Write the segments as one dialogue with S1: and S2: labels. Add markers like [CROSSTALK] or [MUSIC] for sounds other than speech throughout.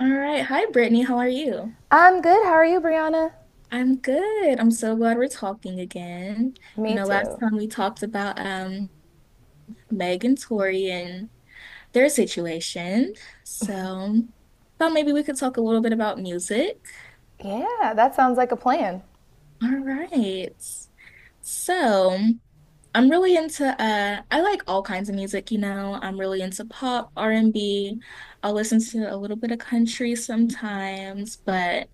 S1: All right. Hi, Brittany. How are you?
S2: I'm good. How are you, Brianna?
S1: I'm good. I'm so glad we're talking again. You
S2: Me
S1: know, last
S2: too.
S1: time we talked about Meg and Tori and their situation. So thought maybe we could talk a little bit about music.
S2: Yeah, that sounds like a plan.
S1: All right. So I'm really into I like all kinds of music, you know. I'm really into pop, r and B. Will listen to a little bit of country sometimes, but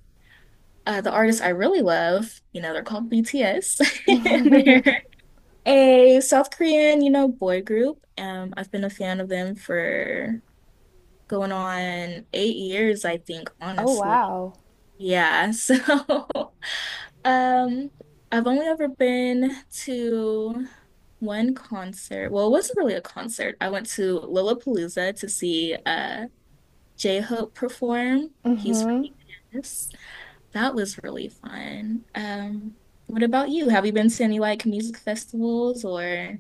S1: the artist I really love, you know, they're called BTS. [LAUGHS] They're a South Korean, you know, boy group. I've been a fan of them for going on 8 years, I think,
S2: Oh,
S1: honestly.
S2: wow.
S1: Yeah, so [LAUGHS] um, I've only ever been to one concert. Well, it wasn't really a concert. I went to Lollapalooza to see J-Hope perform. He's from BTS. That was really fun. What about you? Have you been to any like music festivals or?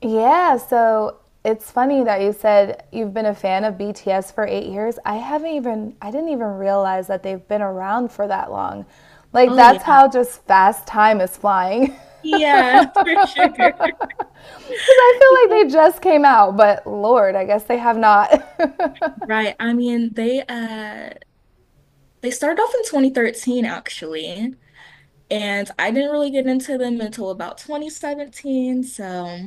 S2: Yeah, so it's funny that you said you've been a fan of BTS for 8 years. I didn't even realize that they've been around for that long. Like,
S1: Oh yeah.
S2: that's how just fast time is flying. [LAUGHS]
S1: Yeah, [LAUGHS] for sure. [LAUGHS]
S2: Because I feel
S1: Yeah.
S2: like they just came out, but Lord, I guess they have not. [LAUGHS]
S1: Right. I mean, they they started off in 2013 actually, and I didn't really get into them until about 2017. So,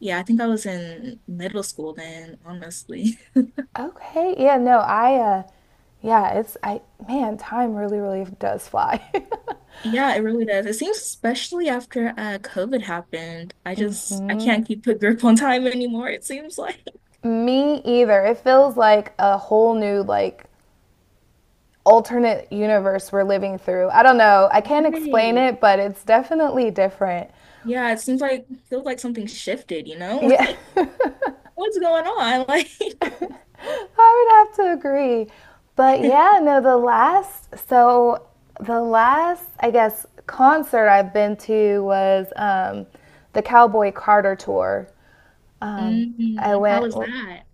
S1: yeah, I think I was in middle school then, honestly. [LAUGHS]
S2: Okay, yeah, no, I, yeah, it's, I, man, time really, really does fly. [LAUGHS]
S1: Yeah, it really does. It seems especially after COVID happened. I can't keep a grip on time anymore, it seems like.
S2: Me either. It feels like a whole new, like, alternate universe we're living through. I don't know. I can't explain
S1: Right.
S2: it, but it's definitely different.
S1: Yeah, it seems like feels like something shifted, you know?
S2: Yeah,
S1: [LAUGHS]
S2: [LAUGHS]
S1: Like, what's going on? Like,
S2: I would have to agree. But yeah, no, the last, I guess, concert I've been to was the Cowboy Carter tour.
S1: [LAUGHS]
S2: Um, I
S1: mm, how
S2: went
S1: was that?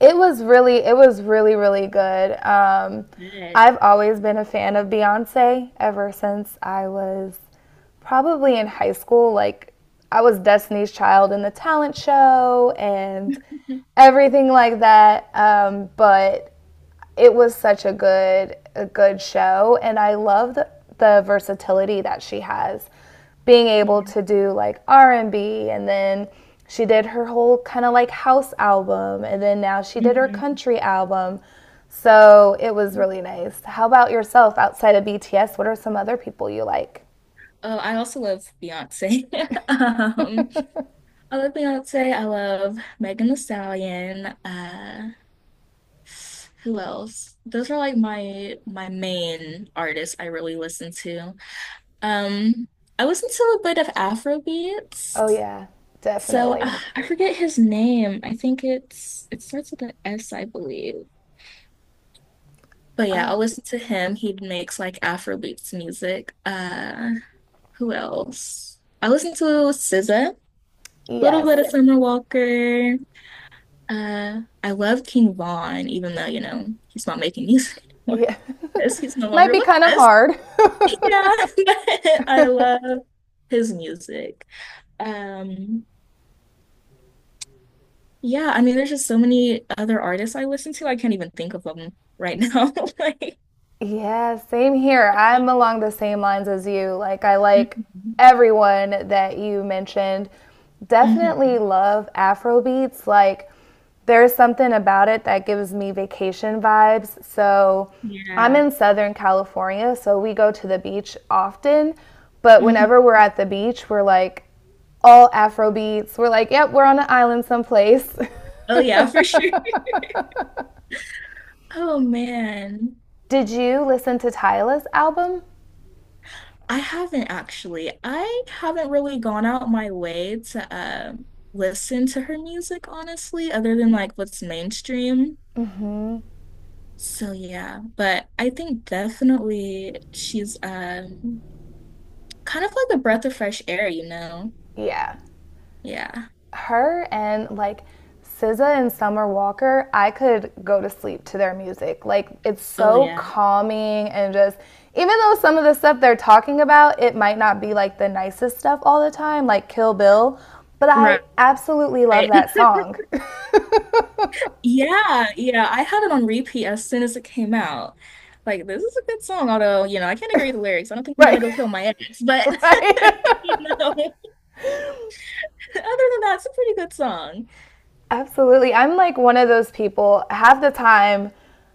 S2: It was really, really good.
S1: Shit.
S2: I've always been a fan of Beyonce ever since I was probably in high school. Like, I was Destiny's Child in the talent show and
S1: [LAUGHS]
S2: everything like that. But it was such a good show, and I love the versatility that she has, being able to do like r&b and B, and then she did her whole kind of like house album, and then now she did her
S1: Mhm.
S2: country album. So it was really nice. How about yourself? Outside of bts, what are some other people you like?
S1: Oh, I also love Beyonce. [LAUGHS] Um, I love Beyonce. I love Megan Thee Stallion. Who else? Those are like my main artists I really listen to. Um, I listen to a bit of Afro beats.
S2: Oh, yeah,
S1: So
S2: definitely.
S1: I forget his name. I think it starts with an S, I believe. But yeah, I'll listen to him. He makes like Afro music. Who else? I listen to SZA, little bit
S2: Yes.
S1: of Summer Walker. I love King Von, even though you know he's not making [LAUGHS] music anymore.
S2: Yeah.
S1: Yes, he's no
S2: [LAUGHS] Might
S1: longer
S2: be
S1: with
S2: kind of
S1: us. [LAUGHS]
S2: hard.
S1: Yeah, [LAUGHS] but I love his music. Um, Yeah, I mean, there's just so many other artists I listen to. I can't even think of them right now. [LAUGHS] Like,
S2: Yeah, same here. I'm along the same lines as you. Like, I like
S1: Mhm.
S2: everyone that you mentioned. Definitely
S1: Mhm.
S2: love Afro beats. Like, there's something about it that gives me vacation vibes. So, I'm
S1: Yeah.
S2: in Southern California, so we go to the beach often. But
S1: Mhm.
S2: whenever we're at the beach, we're like all Afro beats. We're like, yep, we're on an island someplace.
S1: Oh, yeah, for sure. [LAUGHS] Oh, man.
S2: [LAUGHS] Did you listen to Tyla's album?
S1: I haven't actually. I haven't really gone out my way to listen to her music, honestly, other than like what's mainstream. So, yeah. But I think definitely she's kind of like a breath of fresh air, you know?
S2: Yeah.
S1: Yeah.
S2: Her and like SZA and Summer Walker, I could go to sleep to their music. Like it's
S1: Oh,
S2: so
S1: yeah.
S2: calming, and just even though some of the stuff they're talking about, it might not be like the nicest stuff all the time, like Kill Bill, but I
S1: Right.
S2: absolutely love
S1: Right.
S2: that
S1: [LAUGHS]
S2: song. [LAUGHS]
S1: Yeah, yeah. I had it on repeat as soon as it came out. Like, this is a good song, although, you know, I can't agree with the lyrics. I don't think I'm gonna
S2: Right.
S1: go kill my ex,
S2: [LAUGHS]
S1: but
S2: Right.
S1: [LAUGHS] you know, [LAUGHS] other than that, it's a pretty good song.
S2: Absolutely. I'm like one of those people. Half the time,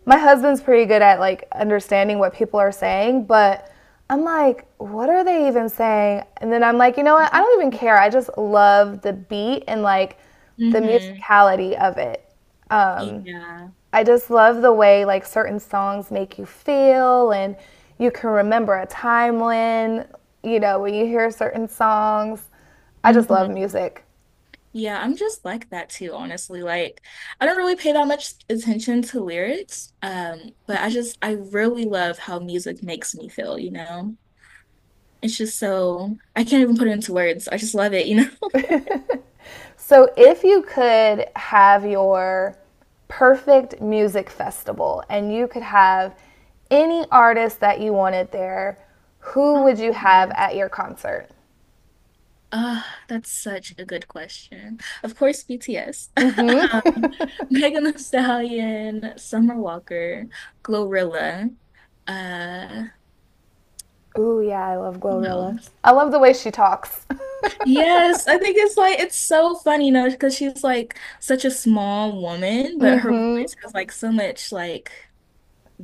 S2: my husband's pretty good at like understanding what people are saying, but I'm like, what are they even saying? And then I'm like, you know what? I don't even care. I just love the beat and like the
S1: Mm-hmm.
S2: musicality of it. Um,
S1: Yeah.
S2: I just love the way like certain songs make you feel, and you can remember a time when, you know, when you hear certain songs. I just love
S1: Mm-hmm.
S2: music.
S1: Yeah, I'm just like that too, honestly. Like, I don't really pay that much attention to lyrics, but I really love how music makes me feel, you know? It's just so I can't even put it into words. I just love it, you know? [LAUGHS]
S2: So, if you could have your perfect music festival, and you could have any artist that you wanted there, who would
S1: Oh,
S2: you have
S1: yeah.
S2: at your concert?
S1: Ah, that's such a good question. Of course, BTS, [LAUGHS] Megan Thee Stallion, Summer Walker, Glorilla. Uh,
S2: Ooh, yeah, I love Glorilla.
S1: who
S2: I love the way she talks.
S1: Yes, I think it's like it's so funny, you know, because she's like such a small woman, but her voice has like so much like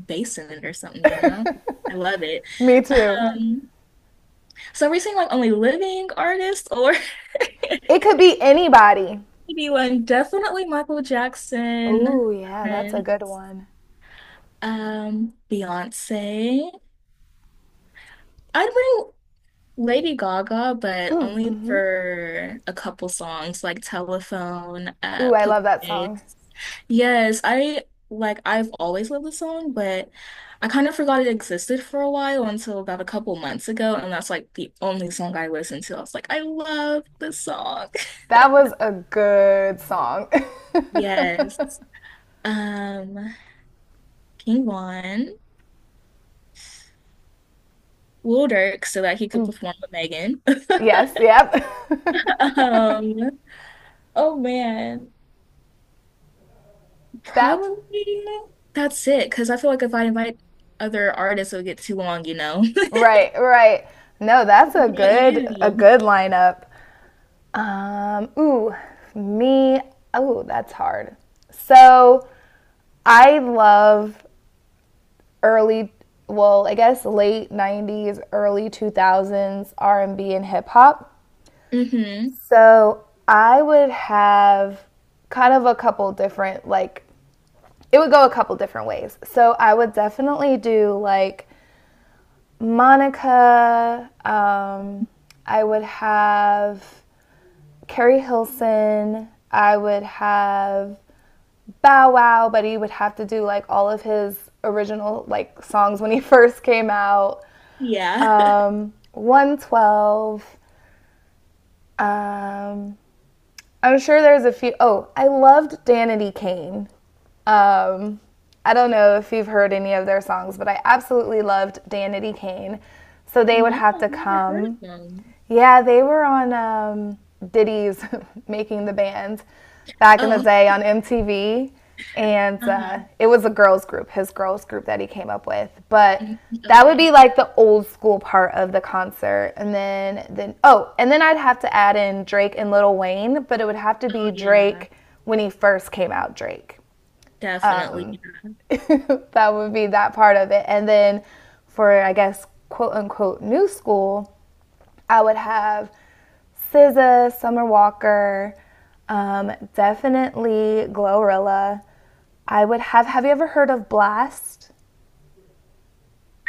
S1: bass in it or something, you know? I love it.
S2: [LAUGHS] Me too.
S1: Um, so are we seeing like only living artists or
S2: It could be anybody.
S1: [LAUGHS] maybe one definitely Michael Jackson,
S2: Ooh, yeah, that's a
S1: Prince.
S2: good one.
S1: Beyonce. I'd bring Lady Gaga, but only for a couple songs like Telephone,
S2: Ooh, I love
S1: Poker
S2: that song.
S1: Face. Yes, I like I've always loved the song, but I kind of forgot it existed for a while until about a couple months ago, and that's like the only song I listened to. I was like, I love this song. [LAUGHS]
S2: That was a good song.
S1: Yes. Um, King Von, Lil Durk so that he could perform with Megan. [LAUGHS]
S2: [LAUGHS] Yes, yep. [LAUGHS]
S1: Um, oh man,
S2: That was
S1: probably that's it. Because I feel like if I invite other artists, it'll get too long, you know. [LAUGHS]
S2: right, right. No, that's
S1: What
S2: a
S1: about you?
S2: good lineup. Ooh, me. Oh, that's hard. So I love early, I guess late 90s, early 2000s R&B and B and hip hop.
S1: Mm-hmm.
S2: So I would have kind of a couple different like it would go a couple different ways. So I would definitely do like Monica. I would have Carrie Hilson. I would have Bow Wow, but he would have to do like all of his original like songs when he [LAUGHS] first came out.
S1: Yeah. [LAUGHS]
S2: 112. Um, I'm sure there's a few. Oh, I loved Danity Kane. Um, I don't know if you've heard any of their songs, but I absolutely loved Danity Kane. So they would
S1: No,
S2: have
S1: I've
S2: to
S1: never heard
S2: come.
S1: of them.
S2: Yeah, they were on Diddy's [LAUGHS] Making the Band back in the
S1: Oh,
S2: day on MTV. And
S1: uh-huh.
S2: it was a girls group, his girls group that he came up with. But
S1: Mm,
S2: that would be
S1: okay.
S2: like the old school part of the concert. And then I'd have to add in Drake and Lil Wayne, but it would have to
S1: Oh
S2: be
S1: yeah,
S2: Drake when he first came out, Drake.
S1: definitely.
S2: Um,
S1: I
S2: [LAUGHS] that would be that part of it. And then for, I guess, quote unquote, new school, I would have SZA, Summer Walker, definitely Glorilla. I would have. Have you ever heard of Blast?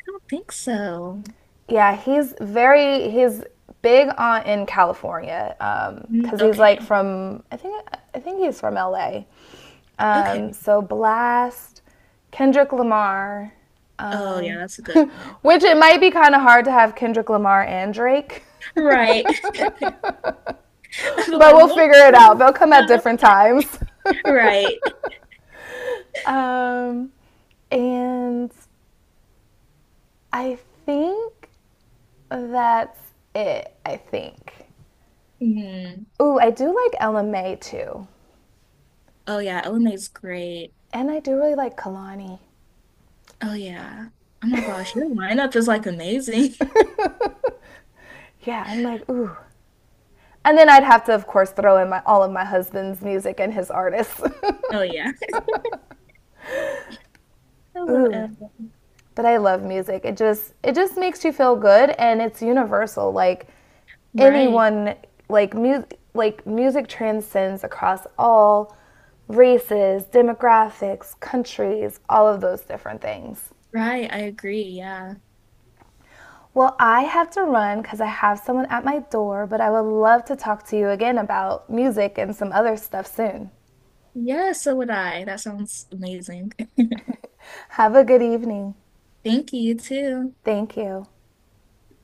S1: don't think so.
S2: Yeah, he's big on in California
S1: Mm,
S2: because he's like
S1: okay.
S2: from I think he's from LA.
S1: Okay.
S2: So Blast, Kendrick Lamar,
S1: Oh yeah,
S2: um,
S1: that's a good one.
S2: [LAUGHS] which it might be kind of hard to have Kendrick Lamar and Drake,
S1: Right. [LAUGHS] I
S2: [LAUGHS]
S1: feel
S2: but
S1: like
S2: we'll
S1: what?
S2: figure it out. They'll come at different times.
S1: [LAUGHS] Right.
S2: Um, and I think that's it. I think.
S1: Mm.
S2: Ooh, I do like LMA too,
S1: Oh yeah, Elena's great.
S2: and I do really like Kalani.
S1: Oh yeah. Oh my gosh, your lineup is like amazing. [LAUGHS]
S2: Yeah, I'm like ooh. And then I'd have to, of course, throw in all of my husband's music and his artists.
S1: Oh yeah. [LAUGHS]
S2: [LAUGHS]
S1: Hello,
S2: Ooh,
S1: Ella.
S2: but I love music. It just makes you feel good, and it's universal. Like
S1: Right.
S2: anyone like music transcends across all races, demographics, countries, all of those different things.
S1: Right. I agree. Yeah.
S2: Well, I have to run because I have someone at my door, but I would love to talk to you again about music and some other stuff soon.
S1: Yeah, so would I. That sounds amazing.
S2: Have a good evening.
S1: [LAUGHS] Thank you too.
S2: Thank you.